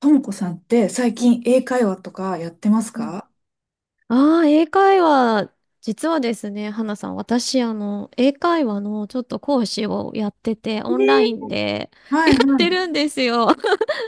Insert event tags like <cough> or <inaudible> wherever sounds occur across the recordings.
ともこさんって最近英会話とかやってますか？英会話、実はですね、花さん、私、英会話のちょっと講師をやってて、オンラインで <laughs> はやいっはてい。るんですよ。<laughs>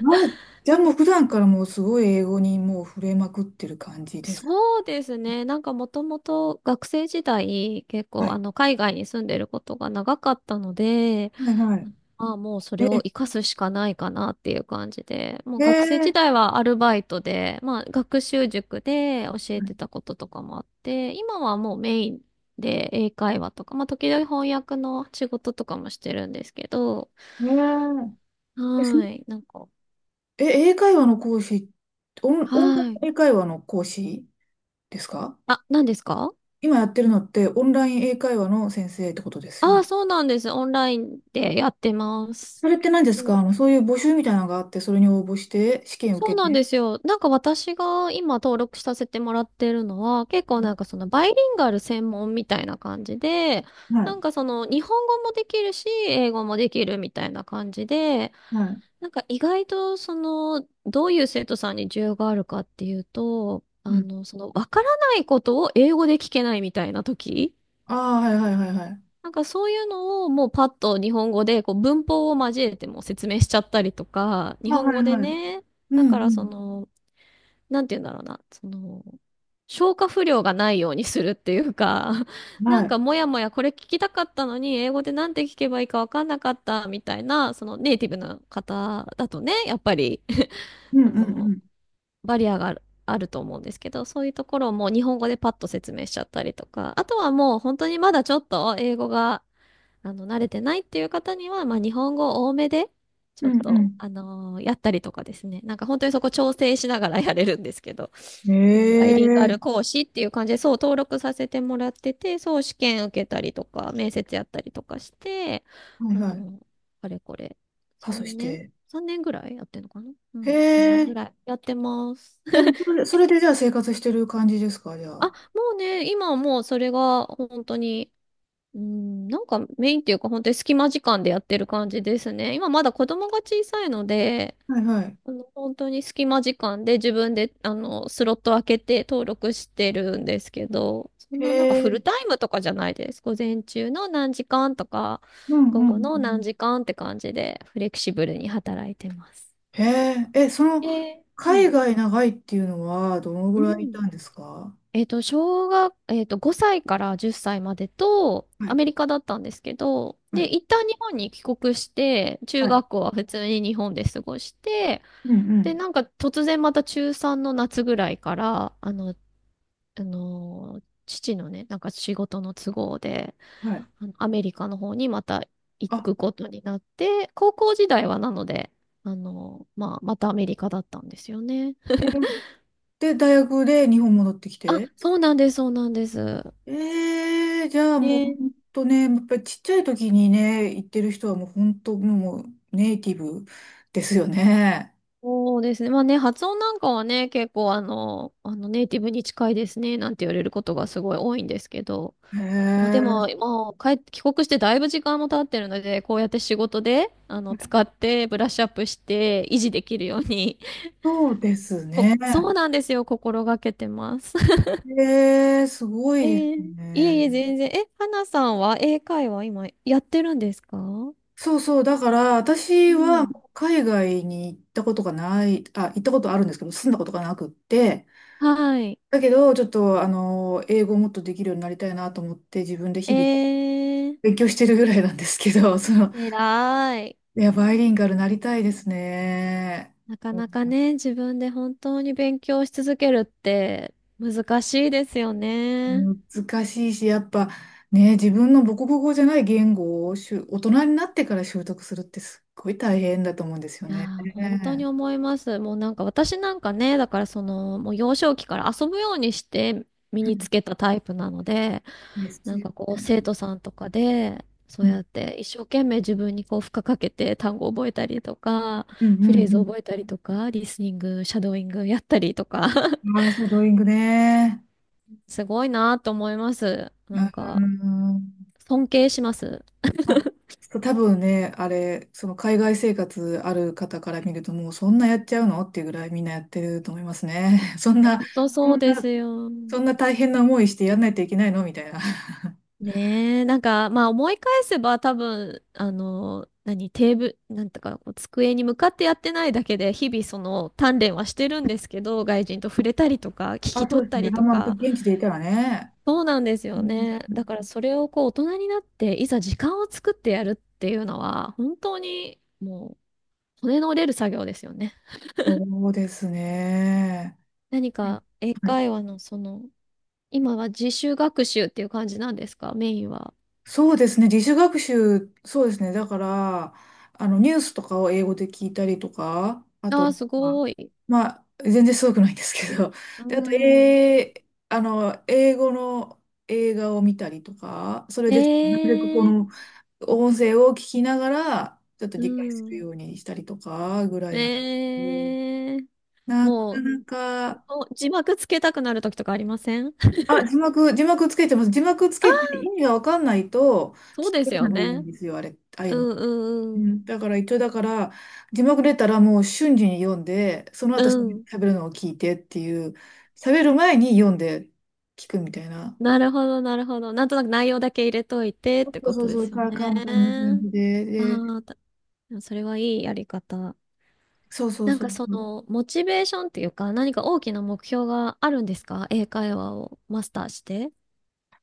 あ、じゃあもう普段からもうすごい英語にもう触れまくってる感じです。そうですね、なんかもともと学生時代、結は構、い。海外に住んでることが長かったので、はいはい。まあもうそえ、れをえ活かすしかないかなっていう感じで、もうー、学生え時代はアルバイトで、まあ学習塾で教えてたこととかもあって、今はもうメインで英会話とか、まあ時々翻訳の仕事とかもしてるんですけど、ーえそはい、え英会話の講師、オンラはい。イン英会話の講師ですか？あ、何ですか？今やってるのってオンライン英会話の先生ってことですよああー、ね。そうなんです。オンラインでやってまそす。れって何ですか？あの、そういう募集みたいなのがあって、それに応募して試験そ受うけなんて。ですよ。なんか私が今登録させてもらってるのは、結構なんかそのバイリンガル専門みたいな感じで、はない。んかその日本語もできるし、英語もできるみたいな感じで、はい。なんか意外とその、どういう生徒さんに需要があるかっていうと、うん。そのわからないことを英語で聞けないみたいな時、ああ、はいはいはいはい。なんかそういうのをもうパッと日本語でこう文法を交えても説明しちゃったりとか、日あ、は本い語ではい。ね、うだんうからそん。の、なんて言うんだろうな、その、消化不良がないようにするっていうか、<laughs> なはんい。かもやもやこれ聞きたかったのに、英語でなんて聞けばいいかわかんなかったみたいな、そのネイティブの方だとね、やっぱり う <laughs> んうそんうの、ん。バリアがある、あると思うんですけど、そういうところをもう日本語でパッと説明しちゃったりとか、あとはもう本当にまだちょっと英語が慣れてないっていう方には、まあ、日本語多めで、ちうょっと、んやったりとかですね。なんか本当にそこ調整しながらやれるんですけど、うあのバイリンガん。えルえ、講師っていう感じで、そう登録させてもらってて、そう試験受けたりとか、面接やったりとかして、はいあはい。の、あれこれ、パ3スし年 て。?3 年ぐらいやってんのかな、うへん、3年ぐえ。らいやってます。でも、<laughs> それで、それでじゃあ生活してる感じですか、じゃあ、もあ。うね、今はもうそれが本当に、うん、なんかメインっていうか本当に隙間時間でやってる感じですね。今まだ子供が小さいので、はいはい。あの本当に隙間時間で自分であのスロット開けて登録してるんですけど、そんへななんかフルえ。タイムとかじゃないです。午前中の何時間とか、うんう午んう後んのう何ん。時間って感じでフレキシブルに働いてます。へえ。え、その、う海ん。外長いっていうのは、どのうぐらいいん、たんですか？えっと、5歳から10歳までと、はアいメリカだったんですけど、はで、い一旦日本に帰国して、中はい。学校は普通に日本で過ごして、うで、んなんか突然また中3の夏ぐらいから、父のね、なんか仕事の都合で、うん。はい。あのアメリカの方にまた行あ、くことになって、高校時代はなので、まあ、またアメリカだったんですよね。へえ。で、大学で日本戻ってきあ、て。そうなんです、そうなんです。ええ、じゃあもう本ね、当ね、やっぱりちっちゃい時にね、行ってる人はもう本当もうネイティブですよね。そうですね。まあね、発音なんかはね、結構ネイティブに近いですね、なんて言われることがすごい多いんですけど、まあ、でも、ええ、もう帰って、帰国してだいぶ時間も経ってるので、こうやって仕事で、使ってブラッシュアップして維持できるように、<laughs> そうですこね。そうなんですよ、心がけてます。<laughs> ええ、すごいえですー、いえいね。え、全然。え、花さんは英会話今やってるんですか？うそうそう、だから私はん。もう海外に行ったことがない、あ、行ったことあるんですけど、住んだことがなくって、はい。だけどちょっとあの、英語をもっとできるようになりたいなと思って自分でえ日々ー、勉強してるぐらいなんですけど、その、偉い。いや、バイリンガルなりたいですね。なかなかね、自分で本当に勉強し続けるって難しいですよね。難しいし、やっぱね、自分の母国語じゃない言語を大人になってから習得するってすっごい大変だと思うんですよいやね。ー、本当に思います。もうなんか私なんかね、だからその、もう幼少期から遊ぶようにして身うにんつけたタイプなので、ですなんよ。かこう生徒さんとかで、そううやん、って一生懸命自分にこう負荷かけて単語を覚えたりとか、うん、フうレーズを覚んえたりとか、リスニング、シャドーイングやったりとか、<laughs> うん。ああ、シャドーイングね。すごいなーと思います。うん。尊敬します。あ、そう多分ね、あれ、その海外生活ある方から見ると、もうそんなやっちゃうのっていうぐらいみんなやってると思いますね。<laughs> そんな、本当そうですよ。そんな大変な思いしてやんないといけないのみたいな。<laughs> ねえ、なんか、まあ思い返せば多分、あの、何、テーブル、なんとかこう、机に向かってやってないだけで、日々その鍛錬はしてるんですけど、外人と触れたりとか、聞きあ、そ取うっですたね。りあ、とまあ、現か、地でいたらね。そうなんですうよん、ね。だからそれをこう、大人になって、いざ時間を作ってやるっていうのは、本当にもう、骨の折れる作業ですよね。そうですね。何はいか、英はい。会話のその、今は自主学習っていう感じなんですか、メインは。そうですね。自主学習、そうですね。だから、あの、ニュースとかを英語で聞いたりとか、ああ、すまあごい。まあ、全然すごくないんですけど。うで、あと、ん。あの、英語の映画を見たりとか、それでなるべくこえのえ、音声を聞きながら、ちょっとう理解するん。ようにしたりとかぐらいな。うん、ええ、なかもう、なか、お字幕つけたくなる時とかありません？あ、字幕、字幕つけてます。字幕つけて意味がわかんないとそう聞でけすよないんね。ですよ、あれ、ああいううんの。ううんうん。ん、だから一応だから字幕出たらもう瞬時に読んでそのう後ん。喋るのを聞いてっていう、喋る前に読んで聞くみたいな。なるほど、なるほど。なんとなく内容だけ入れといてっそてうこそとうでそう、すよか簡単な感ね。じで、で、ああ、たそれはいいやり方。そうそうなんそうかそそう。の、モチベーションっていうか、何か大きな目標があるんですか？英会話をマスターして。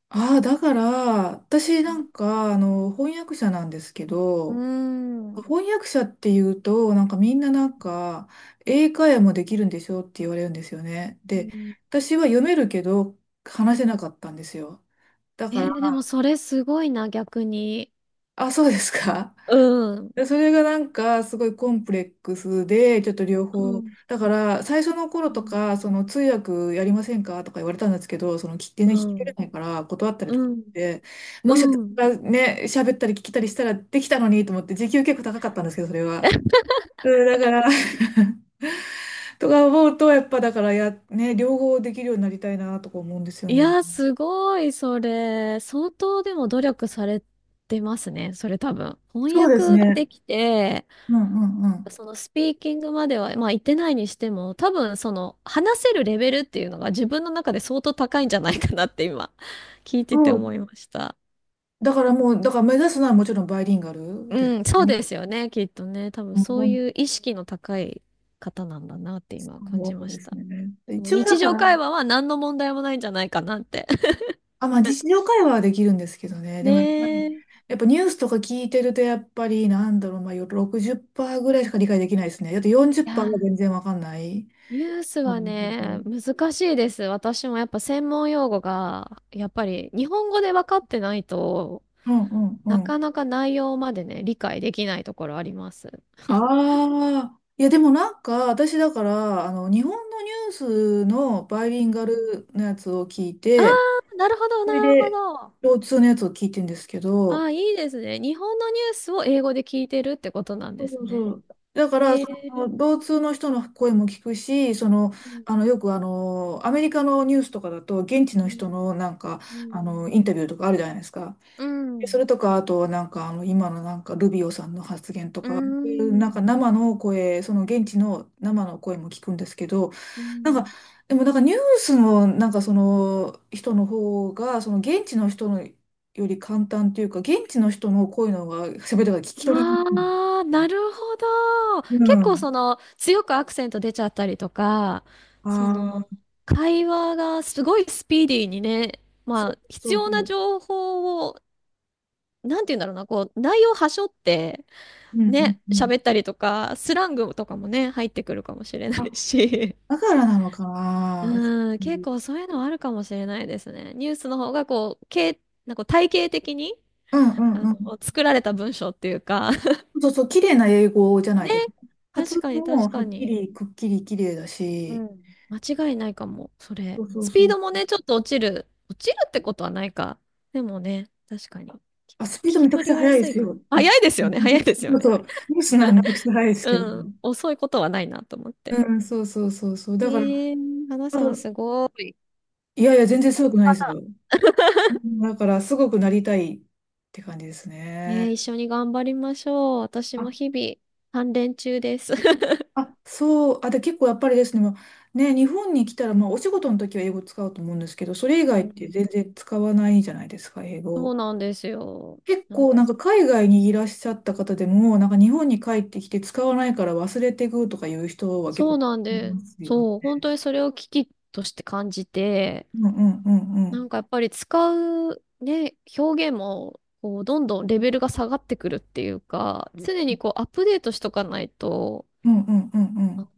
ああ、だから私なんかあの翻訳者なんですけうど、ん。う翻訳者っていうとなんかみんななんか英会話もできるんでしょって言われるんですよね。ーで、ん、私は読めるけど話せなかったんですよ、だえから。ー、でもそれすごいな、逆に。あ、そうですか。うん。で、それがなんかすごいコンプレックスで、ちょっと両う方。ん。だから最初の頃うとか、そん。の通訳やりませんかとか言われたんですけど、聞き取れないから断ったりとかうっん。て、もし私うん。がね、喋ったり聞きたりしたらできたのにと思って、時給結構高かったんですけど、それは。うん、だから、<laughs> とか思うと、やっぱだからや、ね、両方できるようになりたいなとか思うんですよいね。や、すごい、それ。相当でも努力されてますね、それ多分。翻そうです訳がね。できて、うんうんうん。そのスピーキングまでは、まあ言ってないにしても、多分その話せるレベルっていうのが自分の中で相当高いんじゃないかなって今、聞いててそう。思いました。だからもう、だから目指すのはもちろんバイリンガルですうん、そうね。ですよね、きっとね。多分そういう意識の高い方なんだなってそ今感じうましですた。ね。その一応だ日か常ら、会話は何の問題もないんじゃないかなって。<laughs> あ、まあ日常会話はできるんですけどね。でもやっぱねえ。り、いやっぱニュースとか聞いてると、やっぱり、なんだろう、まあ60%ぐらいしか理解できないですね。だって40%はや、全然わかんないニュースは感じね、で。難しいです。私もやっぱ専門用語が、やっぱり日本語で分かってないとうんうんうなん。かなか内容までね、理解できないところあります。ああ、いやでもなんか、私だから、あの、日本のニュースのバイリンうガん、ルのやつを聞いあて、ー、なるほど、そなれるほで、ど。共通のやつを聞いてんですけあど、あ、いいですね。日本のニュースを英語で聞いてるってことなんそでうすそうね。そう。だから、えその、え、同通の人の声も聞くし、その、うんあの、アメリカのニュースとかだと、現地うの人んのなんか、うあの、んインタビューとかあるじゃないですか。うでそん、れとか、あと、なんか、あの、今のなんか、ルビオさんの発言とうか、そういうなんか、ん生の声、その、現地の生の声も聞くんですけど、うなんか、ん、でもなんか、ニュースの、なんか、その、人の方が、その、現地の人のより簡単というか、現地の人の声の方が、喋りが聞き取りにくあいんであー、すなよ。るほど。う結構ん。その強くアクセント出ちゃったりとか、そあのあ、会話がすごいスピーディーにね、そまうあそ必うそ要なう。情報を、なんて言うんだろうな、こう内容はしょってうんうんね、うん。喋ったりとか、スラングとかもね、入ってくるかもしれなあ、いし。だからなのかな。うん、う結ん構そういうのはあるかもしれないですね。ニュースの方がこう、なんか体系的に、うんうん。作られた文章っていうか <laughs> そうそう、綺麗な英語じゃないね、ですか。発確か音にも確はかっきに。り、くっきり綺麗だうし、ん。間違いないかも、それ。そうそうスピそーう。ドもね、ちょっと落ちる。落ちるってことはないか。でもね、確かに。聞あ、スピードきめちゃ取くちりゃは速いで安いすかな。よ。うん、早いですよそうね。そう。ニュースならめちゃくちゃ速いですけど。うん、遅いことはないなと思って。うん、そうそうそうそう。えだから、ー、花あさんと、すごい。いやいや、全然すごくないですよ。うん、だから、すごくなりたいって感じですえー、ね。一緒に頑張りましょう。私も日々、鍛錬中です。あ、そう、あ、で、結構やっぱりですね、まあね、日本に来たら、まあ、お仕事の時は英語使うと思うんですけど、それ以う外ってん。全然使わないじゃないですか、英そう語。なんですよ。結なん構か、なんか海外にいらっしゃった方でも、なんか日本に帰ってきて使わないから忘れていくとかいう人は結そ構うなんいで、ますよ。そう、本当にそれを危機として感じて、うんうんうんうなん。んかやっぱり使うね、表現も、こう、どんどんレベルが下がってくるっていうか、うん、常にこう、アップデートしとかないと、うんうんうんうあん。の、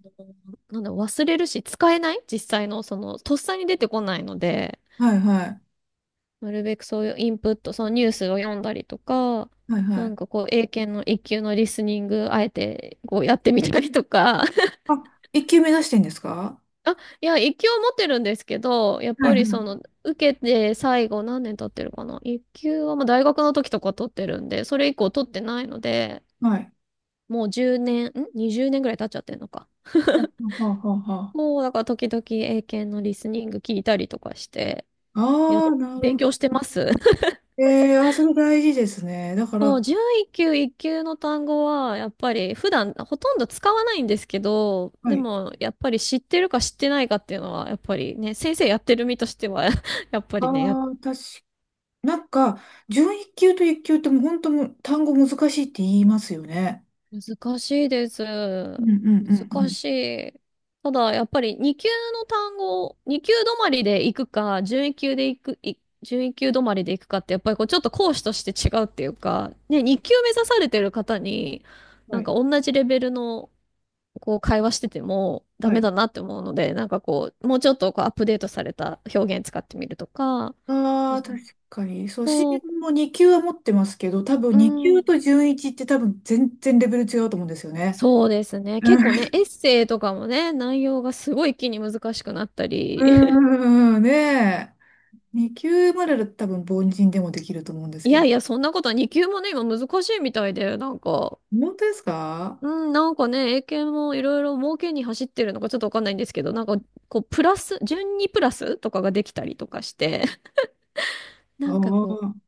なんだ、忘れるし、使えない実際の、その、とっさに出てこないので、はいはい。なるべくそういうインプット、そのニュースを読んだりとか、はいはない。んかこう、英検の一級のリスニング、あえてこうやってみたりとか、あ、一級目指してんですか？あ、いや、一級を持ってるんですけど、やっはぱいはりそい。の、受けて最後何年経ってるかな。一級はまあ大学の時とか取ってるんで、それ以降取ってないので、はい。もう10年、ん ?20 年ぐらい経っちゃってるのか。ははははは。もうだから時々英検のリスニング聞いたりとかして、や、ああ、なる勉ほど。強してます。<laughs> えー、あ、それ大事ですね。だかもら、う準一級、一級の単語は、やっぱり普段ほとんど使わないんですけど、はでい。もやっぱり知ってるか知ってないかっていうのは、やっぱりね、先生やってる身としては <laughs> やっぱりね、ああ、確か、なんか、準一級と一級ってもう本当もう単語難しいって言いますよね。難しいです。うんうんうんう難しん。い。ただ、やっぱり2級の単語、2級止まりで行くか、11級で行く、い1級止まりで行くかって、やっぱりこうちょっと講師として違うっていうか、ね、2級目指されてる方に、はなんい。か同じレベルのこう会話しててもダはメい。だなって思うので、なんかこう、もうちょっとこうアップデートされた表現使ってみるとか、ああ、確かに。そう、私そも2級は持ってますけど、多分う、う2級ん。と準一って多分全然レベル違うと思うんですよね。そうですね。う結構ね、んエッセイとかもね、内容がすごい一気に難しくなったうり。<laughs> んうんねえ。2級までだと多分凡人でもできると思うんですいけやど。いや、そんなことは2級もね、今難しいみたいで、本当ですか？うん、なんかね、英検もいろいろ儲けに走ってるのかちょっとわかんないんですけど、なんか、こう、プラス、順にプラスとかができたりとかして、<laughs> あなあんかこー。